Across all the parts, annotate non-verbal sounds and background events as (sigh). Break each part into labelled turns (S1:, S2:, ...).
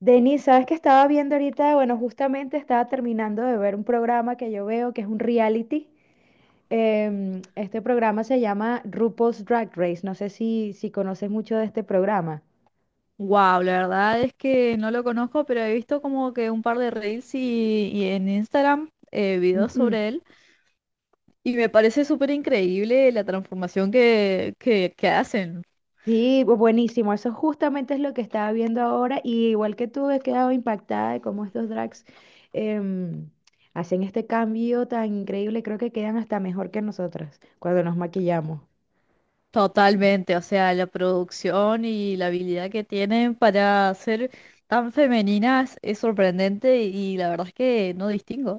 S1: Denis, ¿sabes qué estaba viendo ahorita? Bueno, justamente estaba terminando de ver un programa que yo veo que es un reality. Este programa se llama RuPaul's Drag Race. No sé si conoces mucho de este programa.
S2: Wow, la verdad es que no lo conozco, pero he visto como que un par de reels y, en Instagram videos
S1: Ujú.
S2: sobre él y me parece súper increíble la transformación que hacen
S1: Sí, buenísimo. Eso justamente es lo que estaba viendo ahora. Y igual que tú, he quedado impactada de cómo estos drags em, hacen este cambio tan increíble. Creo que quedan hasta mejor que nosotras cuando nos maquillamos.
S2: totalmente. O sea, la producción y la habilidad que tienen para ser tan femeninas es sorprendente y la verdad es que no distingo.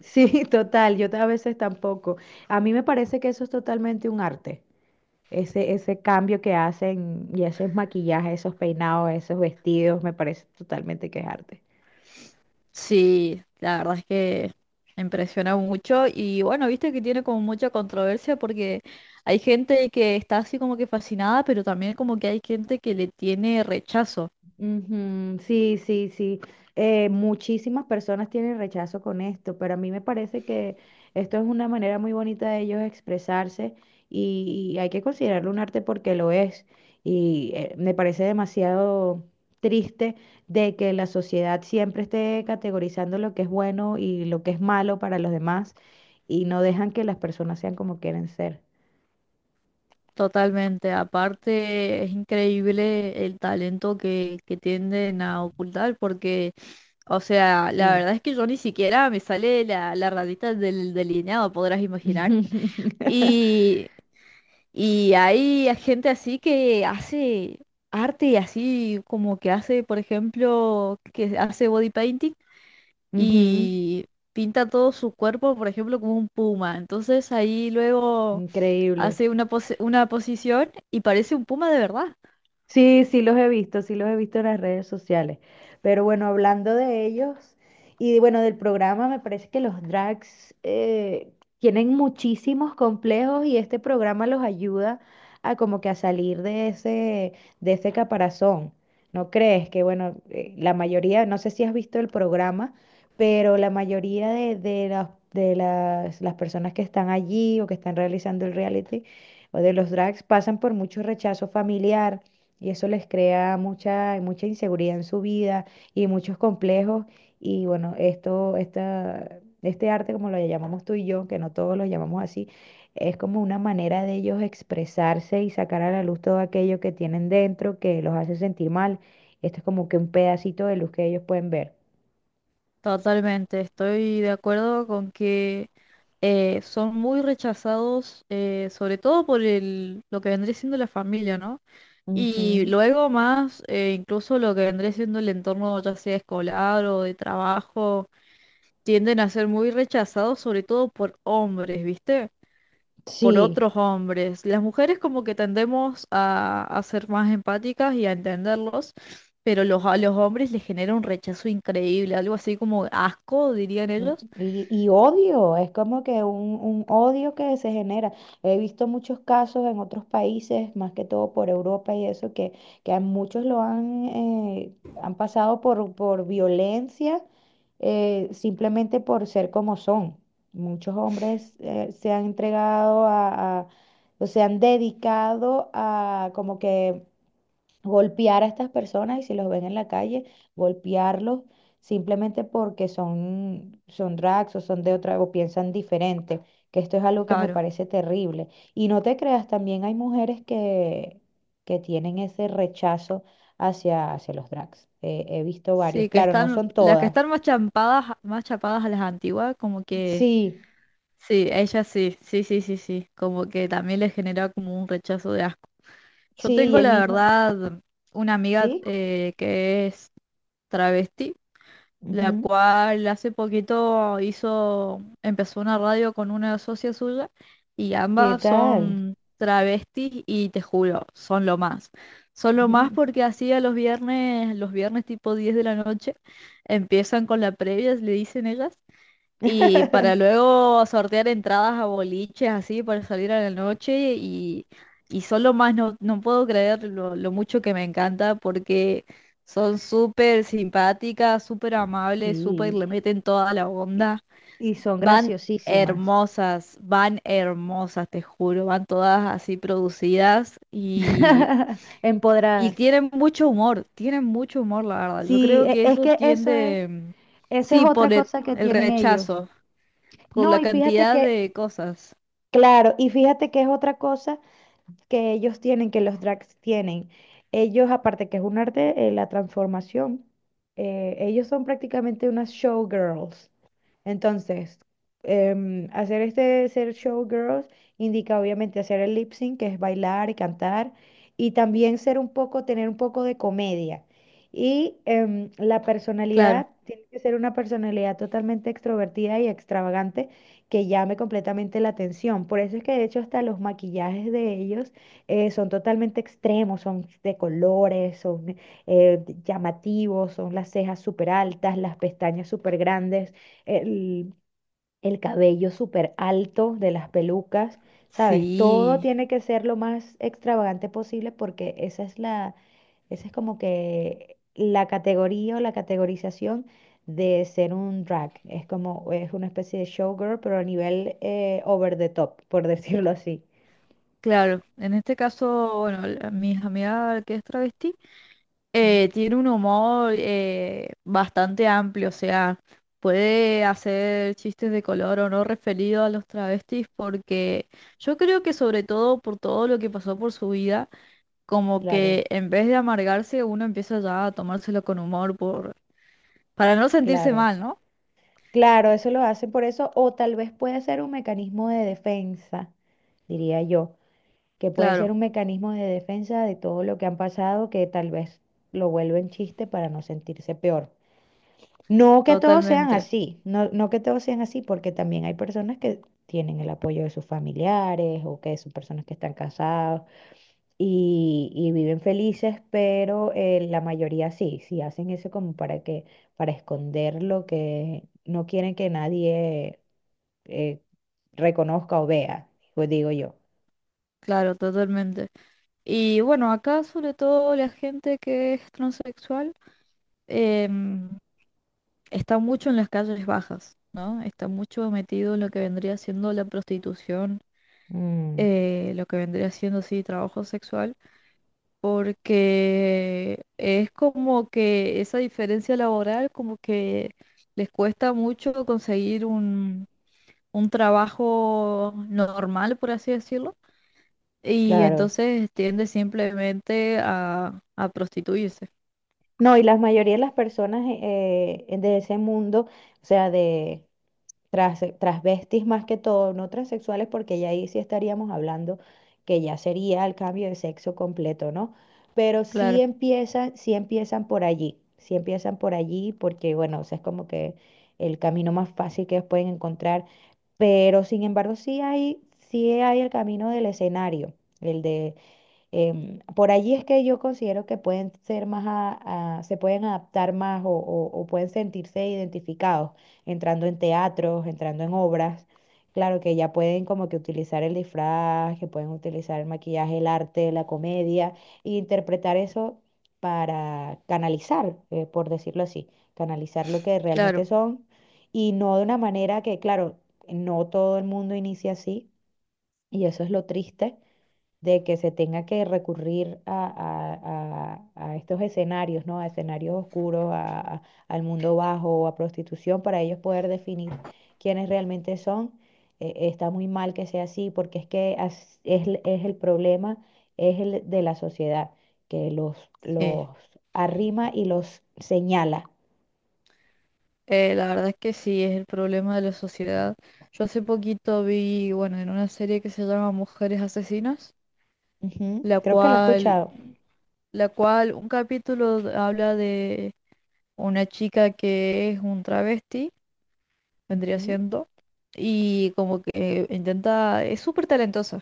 S1: Sí, (laughs) total, yo a veces tampoco. A mí me parece que eso es totalmente un arte, ese cambio que hacen y esos maquillajes, esos peinados, esos vestidos, me parece totalmente que es arte.
S2: Sí, la verdad es que impresiona mucho y bueno, viste que tiene como mucha controversia porque hay gente que está así como que fascinada, pero también como que hay gente que le tiene rechazo
S1: Ujú. Sí, sí, sí. Muchísimas personas tienen rechazo con esto, pero a mí me parece que esto es una manera muy bonita de ellos expresarse y hay que considerarlo un arte porque lo es. Y me parece demasiado triste de que la sociedad siempre esté categorizando lo que es bueno y lo que es malo para los demás y no dejan que las personas sean como quieren ser.
S2: totalmente. Aparte, es increíble el talento que tienden a ocultar porque, o sea, la
S1: Sí.
S2: verdad es que yo ni siquiera me sale la ratita del delineado, podrás imaginar.
S1: (laughs)
S2: Y Y hay gente así que hace arte así como que hace, por ejemplo, que hace body painting
S1: Ujú.
S2: y pinta todo su cuerpo, por ejemplo, como un puma. Entonces ahí luego
S1: Increíble.
S2: hace una una posición y parece un puma de verdad.
S1: Sí, sí los he visto, sí los he visto en las redes sociales. Pero bueno, hablando de ellos y bueno, del programa, me parece que los drags tienen muchísimos complejos y este programa los ayuda a como que a salir de de ese caparazón. ¿No crees que bueno, la mayoría, no sé si has visto el programa, pero la mayoría de de las personas que están allí o que están realizando el reality o de los drags pasan por mucho rechazo familiar y eso les crea mucha inseguridad en su vida y muchos complejos. Y bueno, este arte, como lo llamamos tú y yo, que no todos lo llamamos así, es como una manera de ellos expresarse y sacar a la luz todo aquello que tienen dentro que los hace sentir mal. Esto es como que un pedacito de luz que ellos pueden ver.
S2: Totalmente, estoy de acuerdo con que son muy rechazados, sobre todo por el, lo que vendría siendo la familia, ¿no? Y
S1: Ujú.
S2: luego más, incluso lo que vendría siendo el entorno ya sea escolar o de trabajo, tienden a ser muy rechazados, sobre todo por hombres, ¿viste? Por
S1: Sí.
S2: otros hombres. Las mujeres como que tendemos a ser más empáticas y a entenderlos, pero los, a los hombres les genera un rechazo increíble, algo así como asco, dirían
S1: Mm.
S2: ellos.
S1: Y odio, es como que un odio que se genera. He visto muchos casos en otros países, más que todo por Europa y eso, que a muchos lo han, han pasado por violencia simplemente por ser como son. Muchos hombres se han entregado a, o se han dedicado a como que golpear a estas personas y si los ven en la calle, golpearlos simplemente porque son drags o son de otra o piensan diferente, que esto es algo que me
S2: Claro.
S1: parece terrible. Y no te creas, también hay mujeres que tienen ese rechazo hacia los drags. He visto varias,
S2: Sí, que
S1: claro, no
S2: están,
S1: son
S2: las que
S1: todas.
S2: están más champadas, más chapadas a las antiguas, como que
S1: Sí,
S2: sí, ella sí, sí, sí, sí, sí, como que también le genera como un rechazo de asco. Yo
S1: sí,
S2: tengo la verdad una amiga
S1: ¿sí?
S2: que es travesti, la
S1: Ujú.
S2: cual hace poquito hizo, empezó una radio con una socia suya y
S1: ¿Qué
S2: ambas
S1: tal?
S2: son travestis y te juro, son lo más. Son lo más porque así a los viernes tipo 10 de la noche, empiezan con la previa, le dicen ellas. Y
S1: (laughs)
S2: para luego sortear entradas a boliches así para salir a la noche y solo más no, no puedo creer lo mucho que me encanta porque son súper simpáticas, súper amables, súper
S1: Sí,
S2: le meten toda la
S1: y
S2: onda.
S1: son
S2: Van
S1: graciosísimas.
S2: van hermosas, te juro, van todas así producidas
S1: (laughs)
S2: y
S1: Empoderadas.
S2: tienen mucho humor, la verdad. Yo
S1: Sí,
S2: creo que
S1: es
S2: eso
S1: que eso
S2: tiende,
S1: eso es
S2: sí,
S1: otra
S2: por el
S1: cosa que
S2: el
S1: tienen ellos.
S2: rechazo por
S1: No,
S2: la
S1: y fíjate
S2: cantidad
S1: que,
S2: de cosas.
S1: claro, y fíjate que es otra cosa que ellos tienen, que los drags tienen. Ellos, aparte que es un arte, la transformación, ellos son prácticamente unas showgirls. Entonces, hacer este ser showgirls indica obviamente hacer el lip sync, que es bailar y cantar, y también ser un poco, tener un poco de comedia. Y la
S2: Claro,
S1: personalidad tiene que ser una personalidad totalmente extrovertida y extravagante que llame completamente la atención. Por eso es que de hecho hasta los maquillajes de ellos son totalmente extremos, son de colores, son llamativos, son las cejas súper altas, las pestañas súper grandes, el, el cabello súper alto de las pelucas, ¿sabes? Todo
S2: sí,
S1: tiene que ser lo más extravagante posible porque esa es esa es como que la categoría o la categorización de ser un drag. Es como, es una especie de showgirl, pero a nivel over the top, por (laughs) decirlo así.
S2: claro. En este caso, bueno, mi amiga que es travesti
S1: Mm.
S2: tiene un humor bastante amplio, o sea, puede hacer chistes de color o no referido a los travestis porque yo creo que sobre todo por todo lo que pasó por su vida, como
S1: Claro,
S2: que en vez de amargarse uno empieza ya a tomárselo con humor por... Para no sentirse
S1: claro.
S2: mal, ¿no?
S1: Claro, eso lo hacen por eso, o tal vez puede ser un mecanismo de defensa, diría yo, que puede ser
S2: Claro,
S1: un mecanismo de defensa de todo lo que han pasado, que tal vez lo vuelven chiste para no sentirse peor. No que todos sean
S2: totalmente.
S1: así, no, no que todos sean así, porque también hay personas que tienen el apoyo de sus familiares o que son personas que están casados y viven felices, pero la mayoría sí, sí hacen eso como para para esconder lo que no quieren que nadie eh, reconozca o vea, pues digo yo.
S2: Claro, totalmente. Y bueno, acá sobre todo la gente que es transexual em, está mucho en las calles bajas, ¿no? Está mucho metido en lo que vendría siendo la prostitución,
S1: Mm,
S2: lo que vendría siendo, sí, trabajo sexual, porque es como que esa diferencia laboral como que les cuesta mucho conseguir un trabajo normal, por así decirlo, y
S1: claro.
S2: entonces tiende simplemente a prostituirse.
S1: No, y la mayoría de las personas de ese mundo, o sea, transvestis más que todo, no transexuales, porque ya ahí sí estaríamos hablando que ya sería el cambio de sexo completo, ¿no? Pero
S2: Claro,
S1: sí empiezan por allí, sí empiezan por allí, porque bueno, o sea, es como que el camino más fácil que ellos pueden encontrar, pero sin embargo sí hay el camino del escenario, el de por allí es que yo considero que pueden ser más se pueden adaptar más o, o pueden sentirse identificados entrando en teatros, entrando en obras. Claro que ya pueden como que utilizar el disfraz, que pueden utilizar el maquillaje, el arte, la comedia, e interpretar eso para canalizar, por decirlo así, canalizar lo que realmente
S2: claro,
S1: son y no de una manera que, claro, no todo el mundo inicia así y eso es lo triste de que se tenga que recurrir a, a estos escenarios, ¿no? A escenarios oscuros, al mundo bajo, a prostitución, para ellos poder definir quiénes realmente son. Está muy mal que sea así, porque es que es, es el problema, es el de la sociedad, que
S2: sí.
S1: los arrima y los señala.
S2: La verdad es que sí, es el problema de la sociedad. Yo hace poquito vi, bueno, en una serie que se llama Mujeres Asesinas,
S1: Ujú.
S2: la
S1: Creo que lo he
S2: cual,
S1: escuchado.
S2: la cual un capítulo habla de una chica que es un travesti, vendría
S1: Ujú.
S2: siendo, y como que intenta, es súper talentosa,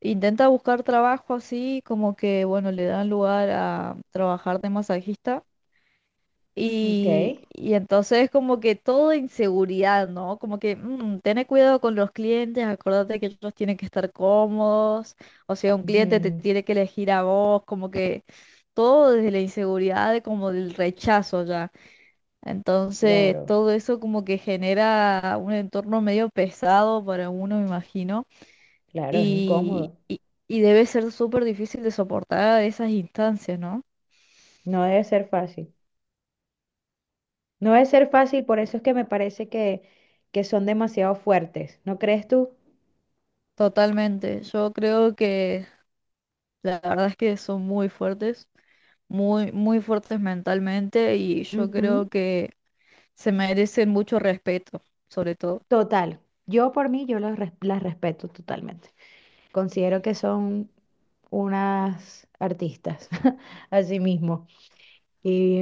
S2: intenta buscar trabajo así, como que, bueno, le dan lugar a trabajar de masajista.
S1: Ok.
S2: Y entonces como que todo inseguridad, ¿no? Como que "Mm, tené cuidado con los clientes, acordate que ellos tienen que estar cómodos, o sea, un cliente te
S1: Ujú.
S2: tiene que elegir a vos, como que todo desde la inseguridad, de como del rechazo ya. Entonces
S1: Claro,
S2: todo eso como que genera un entorno medio pesado para uno, me imagino,
S1: claro, es
S2: y,
S1: incómodo.
S2: y, y debe ser súper difícil de soportar esas instancias, ¿no?
S1: No debe ser fácil. No debe ser fácil, por eso es que me parece que son demasiado fuertes, ¿no crees tú?
S2: Totalmente. Yo creo que la verdad es que son muy fuertes, muy, muy fuertes mentalmente y yo creo
S1: Ujú.
S2: que se merecen mucho respeto, sobre todo.
S1: Total, yo por mí, yo las respeto totalmente. Considero que son unas artistas, (laughs) así mismo.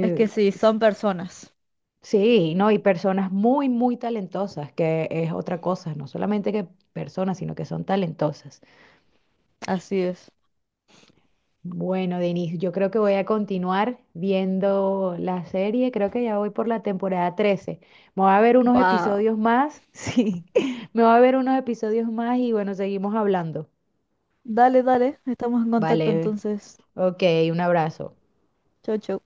S2: Es que sí, son personas.
S1: sí, ¿no? Y personas muy, muy talentosas, que es otra cosa, no solamente que personas, sino que son talentosas.
S2: Así es.
S1: Bueno, Denis, yo creo que voy a continuar viendo la serie. Creo que ya voy por la temporada 13. Me voy a ver unos
S2: Wow.
S1: episodios más. (laughs) Sí, me voy a ver unos episodios más y bueno, seguimos hablando.
S2: Dale, dale. Estamos en contacto
S1: Vale.
S2: entonces.
S1: Ok, un abrazo.
S2: Chau, chau.